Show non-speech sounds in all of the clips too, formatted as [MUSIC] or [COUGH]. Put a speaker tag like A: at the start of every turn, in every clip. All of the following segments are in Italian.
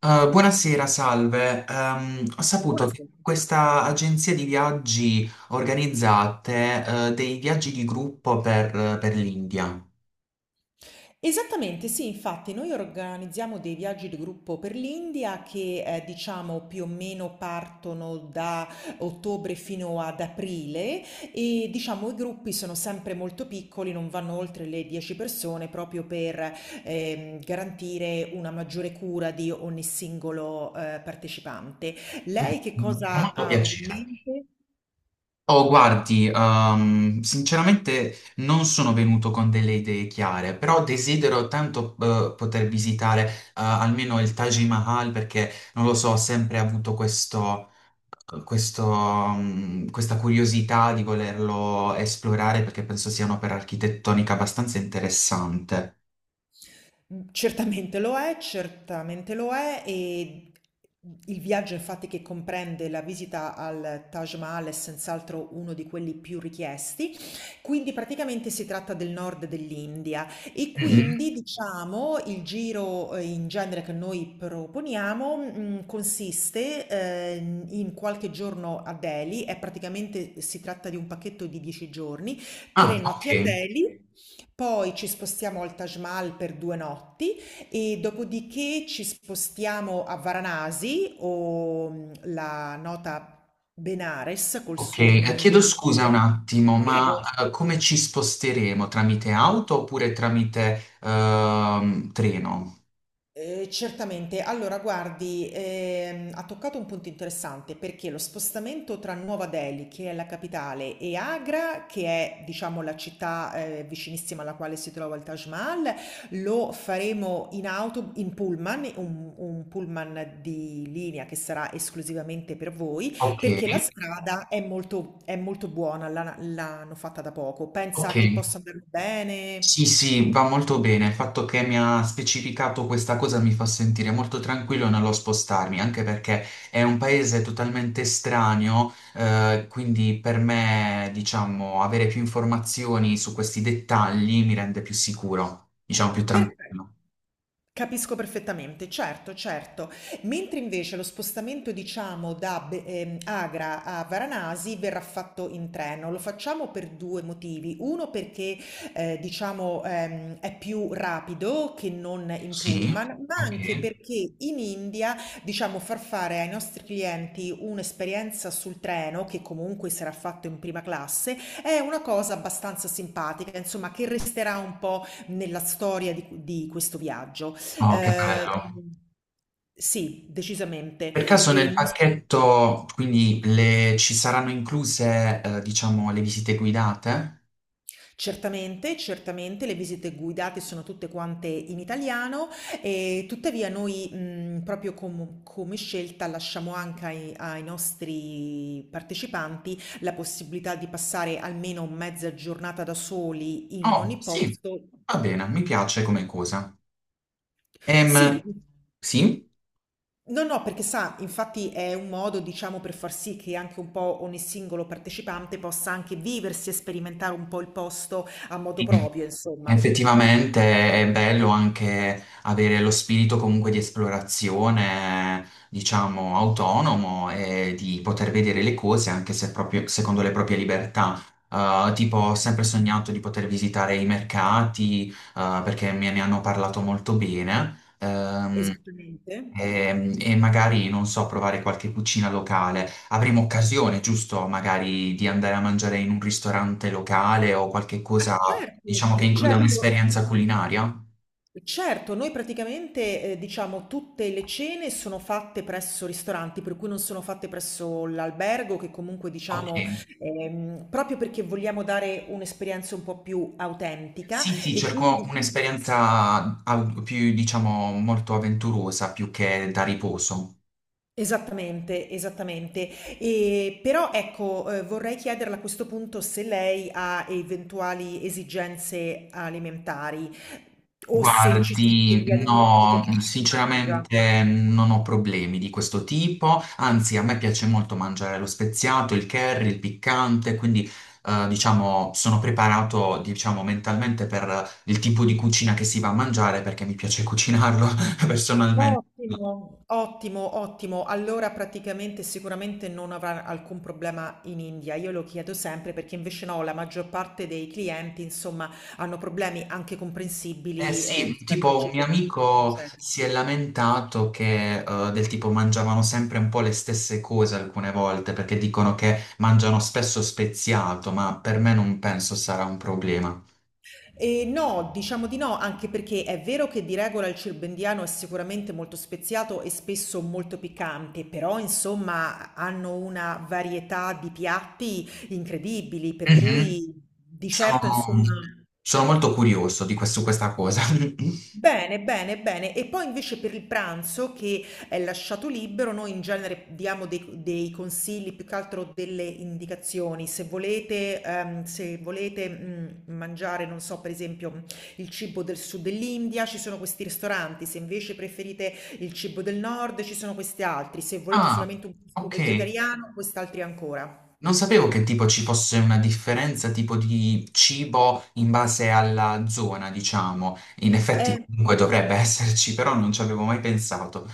A: Buonasera, salve. Ho saputo che
B: Buonasera.
A: questa agenzia di viaggi organizzate, dei viaggi di gruppo per l'India.
B: Esattamente, sì, infatti noi organizziamo dei viaggi di gruppo per l'India che diciamo più o meno partono da ottobre fino ad aprile e diciamo i gruppi sono sempre molto piccoli, non vanno oltre le 10 persone proprio per garantire una maggiore cura di ogni singolo partecipante. Lei che
A: Mi fa
B: cosa
A: molto
B: aveva in
A: piacere.
B: mente?
A: Oh, guardi, sinceramente non sono venuto con delle idee chiare, però desidero tanto poter visitare almeno il Taj Mahal perché, non lo so, ho sempre avuto questa curiosità di volerlo esplorare perché penso sia un'opera architettonica abbastanza interessante.
B: Certamente lo è e il viaggio infatti che comprende la visita al Taj Mahal è senz'altro uno di quelli più richiesti, quindi praticamente si tratta del nord dell'India e
A: Mm. Mhm.
B: quindi diciamo il giro in genere che noi proponiamo consiste in qualche giorno a Delhi, è praticamente si tratta di un pacchetto di 10 giorni, tre
A: Ah, ok.
B: notti a Delhi. Poi ci spostiamo al Taj Mahal per 2 notti e dopodiché ci spostiamo a Varanasi o la nota Benares col
A: Ok,
B: suo nome
A: Chiedo
B: indiano,
A: scusa
B: che
A: un
B: è...
A: attimo, ma
B: Prego.
A: come ci sposteremo? Tramite auto oppure tramite treno?
B: Certamente, allora guardi, ha toccato un punto interessante perché lo spostamento tra Nuova Delhi, che è la capitale, e Agra, che è diciamo la città vicinissima alla quale si trova il Taj Mahal, lo faremo in auto, in pullman, un pullman di linea che sarà esclusivamente per voi,
A: Ok,
B: perché la strada è molto buona, l'hanno fatta da poco.
A: ok.
B: Pensa che possa andare bene?
A: Sì, sì, va molto bene. Il fatto che mi ha specificato questa cosa mi fa sentire molto tranquillo nello spostarmi, anche perché è un paese totalmente estraneo, quindi per me, diciamo, avere più informazioni su questi dettagli mi rende più sicuro, diciamo più tranquillo.
B: Perfe Capisco perfettamente, certo, certo. Mentre invece lo spostamento diciamo da Be Agra a Varanasi verrà fatto in treno. Lo facciamo per 2 motivi. Uno perché, diciamo, è più rapido che non in
A: Sì?
B: pullman, ma
A: Ok.
B: anche perché in India, diciamo, far fare ai nostri clienti un'esperienza sul treno, che comunque sarà fatto in prima classe, è una cosa abbastanza simpatica, insomma, che resterà un po' nella storia di questo viaggio.
A: Oh, che
B: Eh,
A: bello.
B: sì,
A: Per
B: decisamente.
A: caso
B: E
A: nel
B: non so-
A: pacchetto, quindi ci saranno incluse, diciamo, le visite guidate?
B: Certamente, certamente le visite guidate sono tutte quante in italiano e tuttavia noi proprio come scelta lasciamo anche ai nostri partecipanti la possibilità di passare almeno mezza giornata da soli in
A: Oh,
B: ogni
A: sì,
B: posto.
A: va bene, mi piace come cosa. Ehm,
B: Sì.
A: sì,
B: No, no, perché sa, infatti è un modo, diciamo, per far sì che anche un po' ogni singolo partecipante possa anche viversi e sperimentare un po' il posto a modo proprio, insomma.
A: effettivamente è bello anche avere lo spirito comunque di esplorazione, diciamo, autonomo e di poter vedere le cose anche se proprio secondo le proprie libertà. Tipo, ho sempre sognato di poter visitare i mercati, perché me ne hanno parlato molto bene.
B: Esattamente.
A: E magari, non so, provare qualche cucina locale. Avremo occasione, giusto, magari di andare a mangiare in un ristorante locale o qualche
B: Ah,
A: cosa,
B: certo,
A: diciamo, che includa
B: certo.
A: un'esperienza culinaria?
B: Certo, noi praticamente, diciamo, tutte le cene sono fatte presso ristoranti, per cui non sono fatte presso l'albergo, che comunque,
A: Ok.
B: diciamo, proprio perché vogliamo dare un'esperienza un po' più autentica
A: Sì, sì,
B: e
A: cerco
B: quindi
A: un'esperienza più, diciamo, molto avventurosa più che da riposo.
B: esattamente, esattamente. Però ecco, vorrei chiederle a questo punto se lei ha eventuali esigenze alimentari o se ci sono
A: Guardi,
B: degli alimenti che
A: no,
B: non mangia.
A: sinceramente non ho problemi di questo tipo, anzi a me piace molto mangiare lo speziato, il curry, il piccante, quindi diciamo sono preparato diciamo, mentalmente per il tipo di cucina che si va a mangiare perché mi piace cucinarlo [LAUGHS] personalmente.
B: Ottimo, ottimo, ottimo. Allora praticamente sicuramente non avrà alcun problema in India. Io lo chiedo sempre perché invece no, la maggior parte dei clienti insomma hanno problemi anche
A: Eh
B: comprensibili,
A: sì,
B: rispetto al
A: tipo un mio
B: cibo di
A: amico
B: eccetera.
A: si è lamentato che del tipo mangiavano sempre un po' le stesse cose alcune volte perché dicono che mangiano spesso speziato, ma per me non penso sarà un problema.
B: No, diciamo di no, anche perché è vero che di regola il cirbendiano è sicuramente molto speziato e spesso molto piccante, però insomma hanno una varietà di piatti incredibili, per
A: Mhm.
B: cui di certo insomma
A: Sono, sono molto curioso di su questa cosa. [LAUGHS]
B: bene, bene, bene. E poi invece per il pranzo che è lasciato libero, noi in genere diamo dei consigli, più che altro delle indicazioni. Se volete, se volete mangiare, non so, per esempio il cibo del sud dell'India, ci sono questi ristoranti. Se invece preferite il cibo del nord, ci sono questi altri. Se volete
A: Ah,
B: solamente un posto
A: ok.
B: vegetariano, quest'altri ancora.
A: Non sapevo che tipo ci fosse una differenza tipo di cibo in base alla zona, diciamo. In effetti
B: Eh,
A: comunque dovrebbe [LAUGHS] esserci, però non ci avevo mai pensato.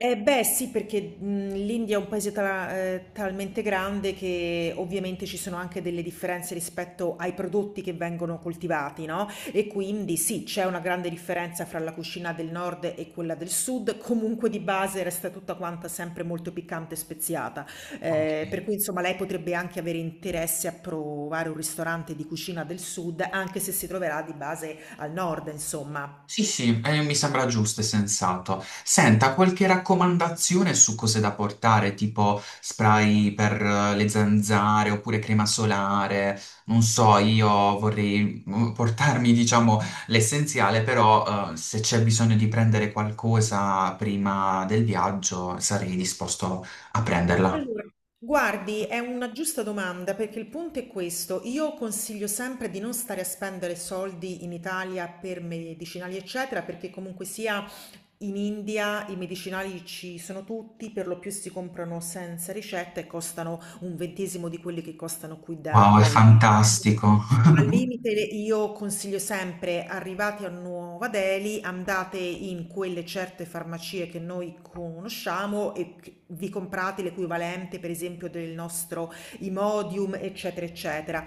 B: Eh beh sì, perché, l'India è un paese ta talmente grande che ovviamente ci sono anche delle differenze rispetto ai prodotti che vengono coltivati, no, e quindi sì, c'è una grande differenza fra la cucina del nord e quella del sud, comunque di base resta tutta quanta sempre molto piccante e speziata.
A: Ok.
B: Per cui insomma lei potrebbe anche avere interesse a provare un ristorante di cucina del sud, anche se si troverà di base al nord insomma.
A: Sì, sì, mi sembra giusto e sensato. Senta, qualche raccomandazione su cose da portare, tipo spray per le zanzare oppure crema solare? Non so, io vorrei portarmi, diciamo, l'essenziale, però se c'è bisogno di prendere qualcosa prima del viaggio, sarei disposto a prenderla.
B: Allora, guardi, è una giusta domanda perché il punto è questo. Io consiglio sempre di non stare a spendere soldi in Italia per medicinali, eccetera, perché comunque sia in India i medicinali ci sono tutti, per lo più si comprano senza ricetta e costano un ventesimo di quelli che costano qui da
A: Wow, è
B: noi.
A: fantastico.
B: Al
A: [LAUGHS]
B: limite io consiglio sempre, arrivati a Nuova Delhi, andate in quelle certe farmacie che noi conosciamo e vi comprate l'equivalente, per esempio, del nostro Imodium, eccetera, eccetera.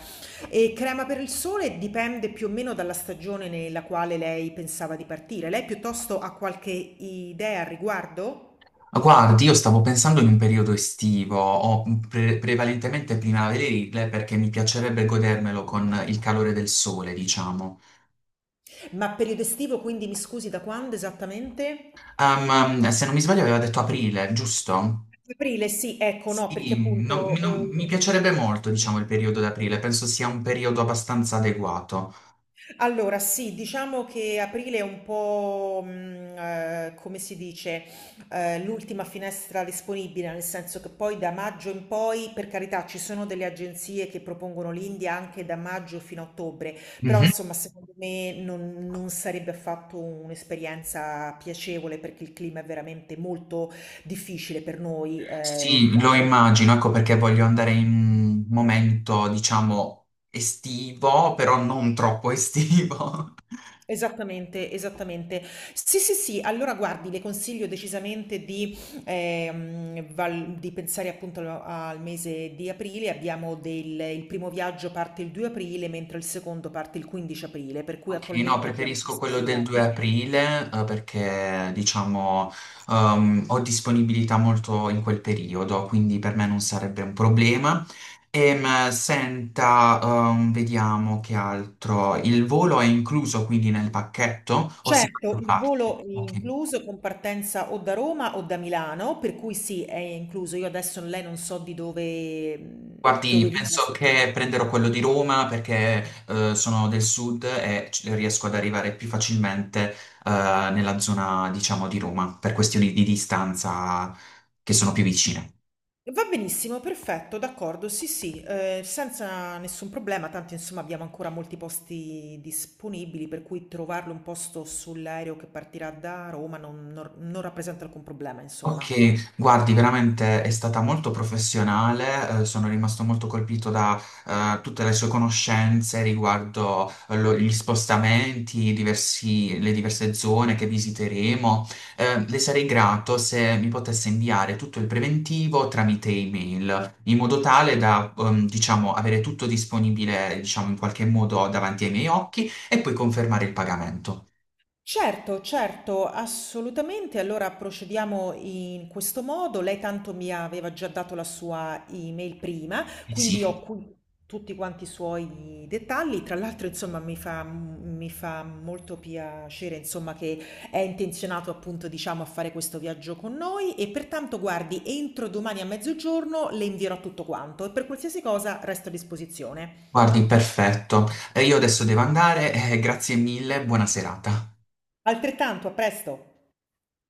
B: E crema per il sole dipende più o meno dalla stagione nella quale lei pensava di partire. Lei piuttosto ha qualche idea al riguardo?
A: Guardi, io stavo pensando in un periodo estivo o prevalentemente primaverile perché mi piacerebbe godermelo con il calore del sole, diciamo.
B: Ma periodo estivo, quindi mi scusi, da quando esattamente?
A: Se non mi sbaglio aveva detto aprile, giusto?
B: Aprile, sì, ecco, no, perché
A: Sì,
B: appunto
A: mi piacerebbe molto, diciamo, il periodo d'aprile, penso sia un periodo abbastanza adeguato.
B: allora, sì, diciamo che aprile è un po', come si dice, l'ultima finestra disponibile, nel senso che poi da maggio in poi, per carità, ci sono delle agenzie che propongono l'India anche da maggio fino a ottobre, però
A: Mhm.
B: insomma, secondo me non sarebbe affatto un'esperienza piacevole perché il clima è veramente molto difficile per noi.
A: Sì, lo immagino, ecco perché voglio andare in un momento, diciamo, estivo, però non troppo estivo. [LAUGHS]
B: Esattamente, esattamente. Sì, sì, sì, allora guardi, le consiglio decisamente di, di pensare appunto al mese di aprile. Abbiamo il primo viaggio parte il 2 aprile, mentre il secondo parte il 15 aprile, per cui
A: Ok, no,
B: attualmente abbiamo
A: preferisco
B: queste
A: quello
B: due
A: del 2
B: date.
A: aprile, perché diciamo ho disponibilità molto in quel periodo, quindi per me non sarebbe un problema. Senta, vediamo che altro. Il volo è incluso quindi nel pacchetto o si paga
B: Certo,
A: a
B: il
A: parte?
B: volo è
A: Ok.
B: incluso con partenza o da Roma o da Milano, per cui sì, è incluso. Io adesso lei non so di dove,
A: Guardi,
B: dove viva
A: penso che
B: stabilmente.
A: prenderò quello di Roma perché sono del sud e riesco ad arrivare più facilmente nella zona, diciamo, di Roma per questioni di distanza che sono più vicine.
B: Va benissimo, perfetto, d'accordo, sì, sì, senza nessun problema, tanto insomma abbiamo ancora molti posti disponibili, per cui trovarle un posto sull'aereo che partirà da Roma non non rappresenta alcun problema, insomma.
A: Ok, guardi, veramente è stata molto professionale, sono rimasto molto colpito da tutte le sue conoscenze riguardo gli spostamenti, le diverse zone che visiteremo. Le sarei grato se mi potesse inviare tutto il preventivo tramite email, in modo tale da, diciamo, avere tutto disponibile, diciamo, in qualche modo davanti ai miei occhi e poi confermare il pagamento.
B: Certo, certo, assolutamente. Allora procediamo in questo modo. Lei tanto mi aveva già dato la sua email prima,
A: Sì.
B: quindi ho qui tutti quanti i suoi dettagli. Tra l'altro, insomma, mi fa molto piacere, insomma, che è intenzionato appunto, diciamo, a fare questo viaggio con noi e pertanto, guardi, entro domani a mezzogiorno le invierò tutto quanto e per qualsiasi cosa resto a disposizione.
A: Guardi, perfetto. Io adesso devo andare, grazie mille, buona serata.
B: Altrettanto, a presto!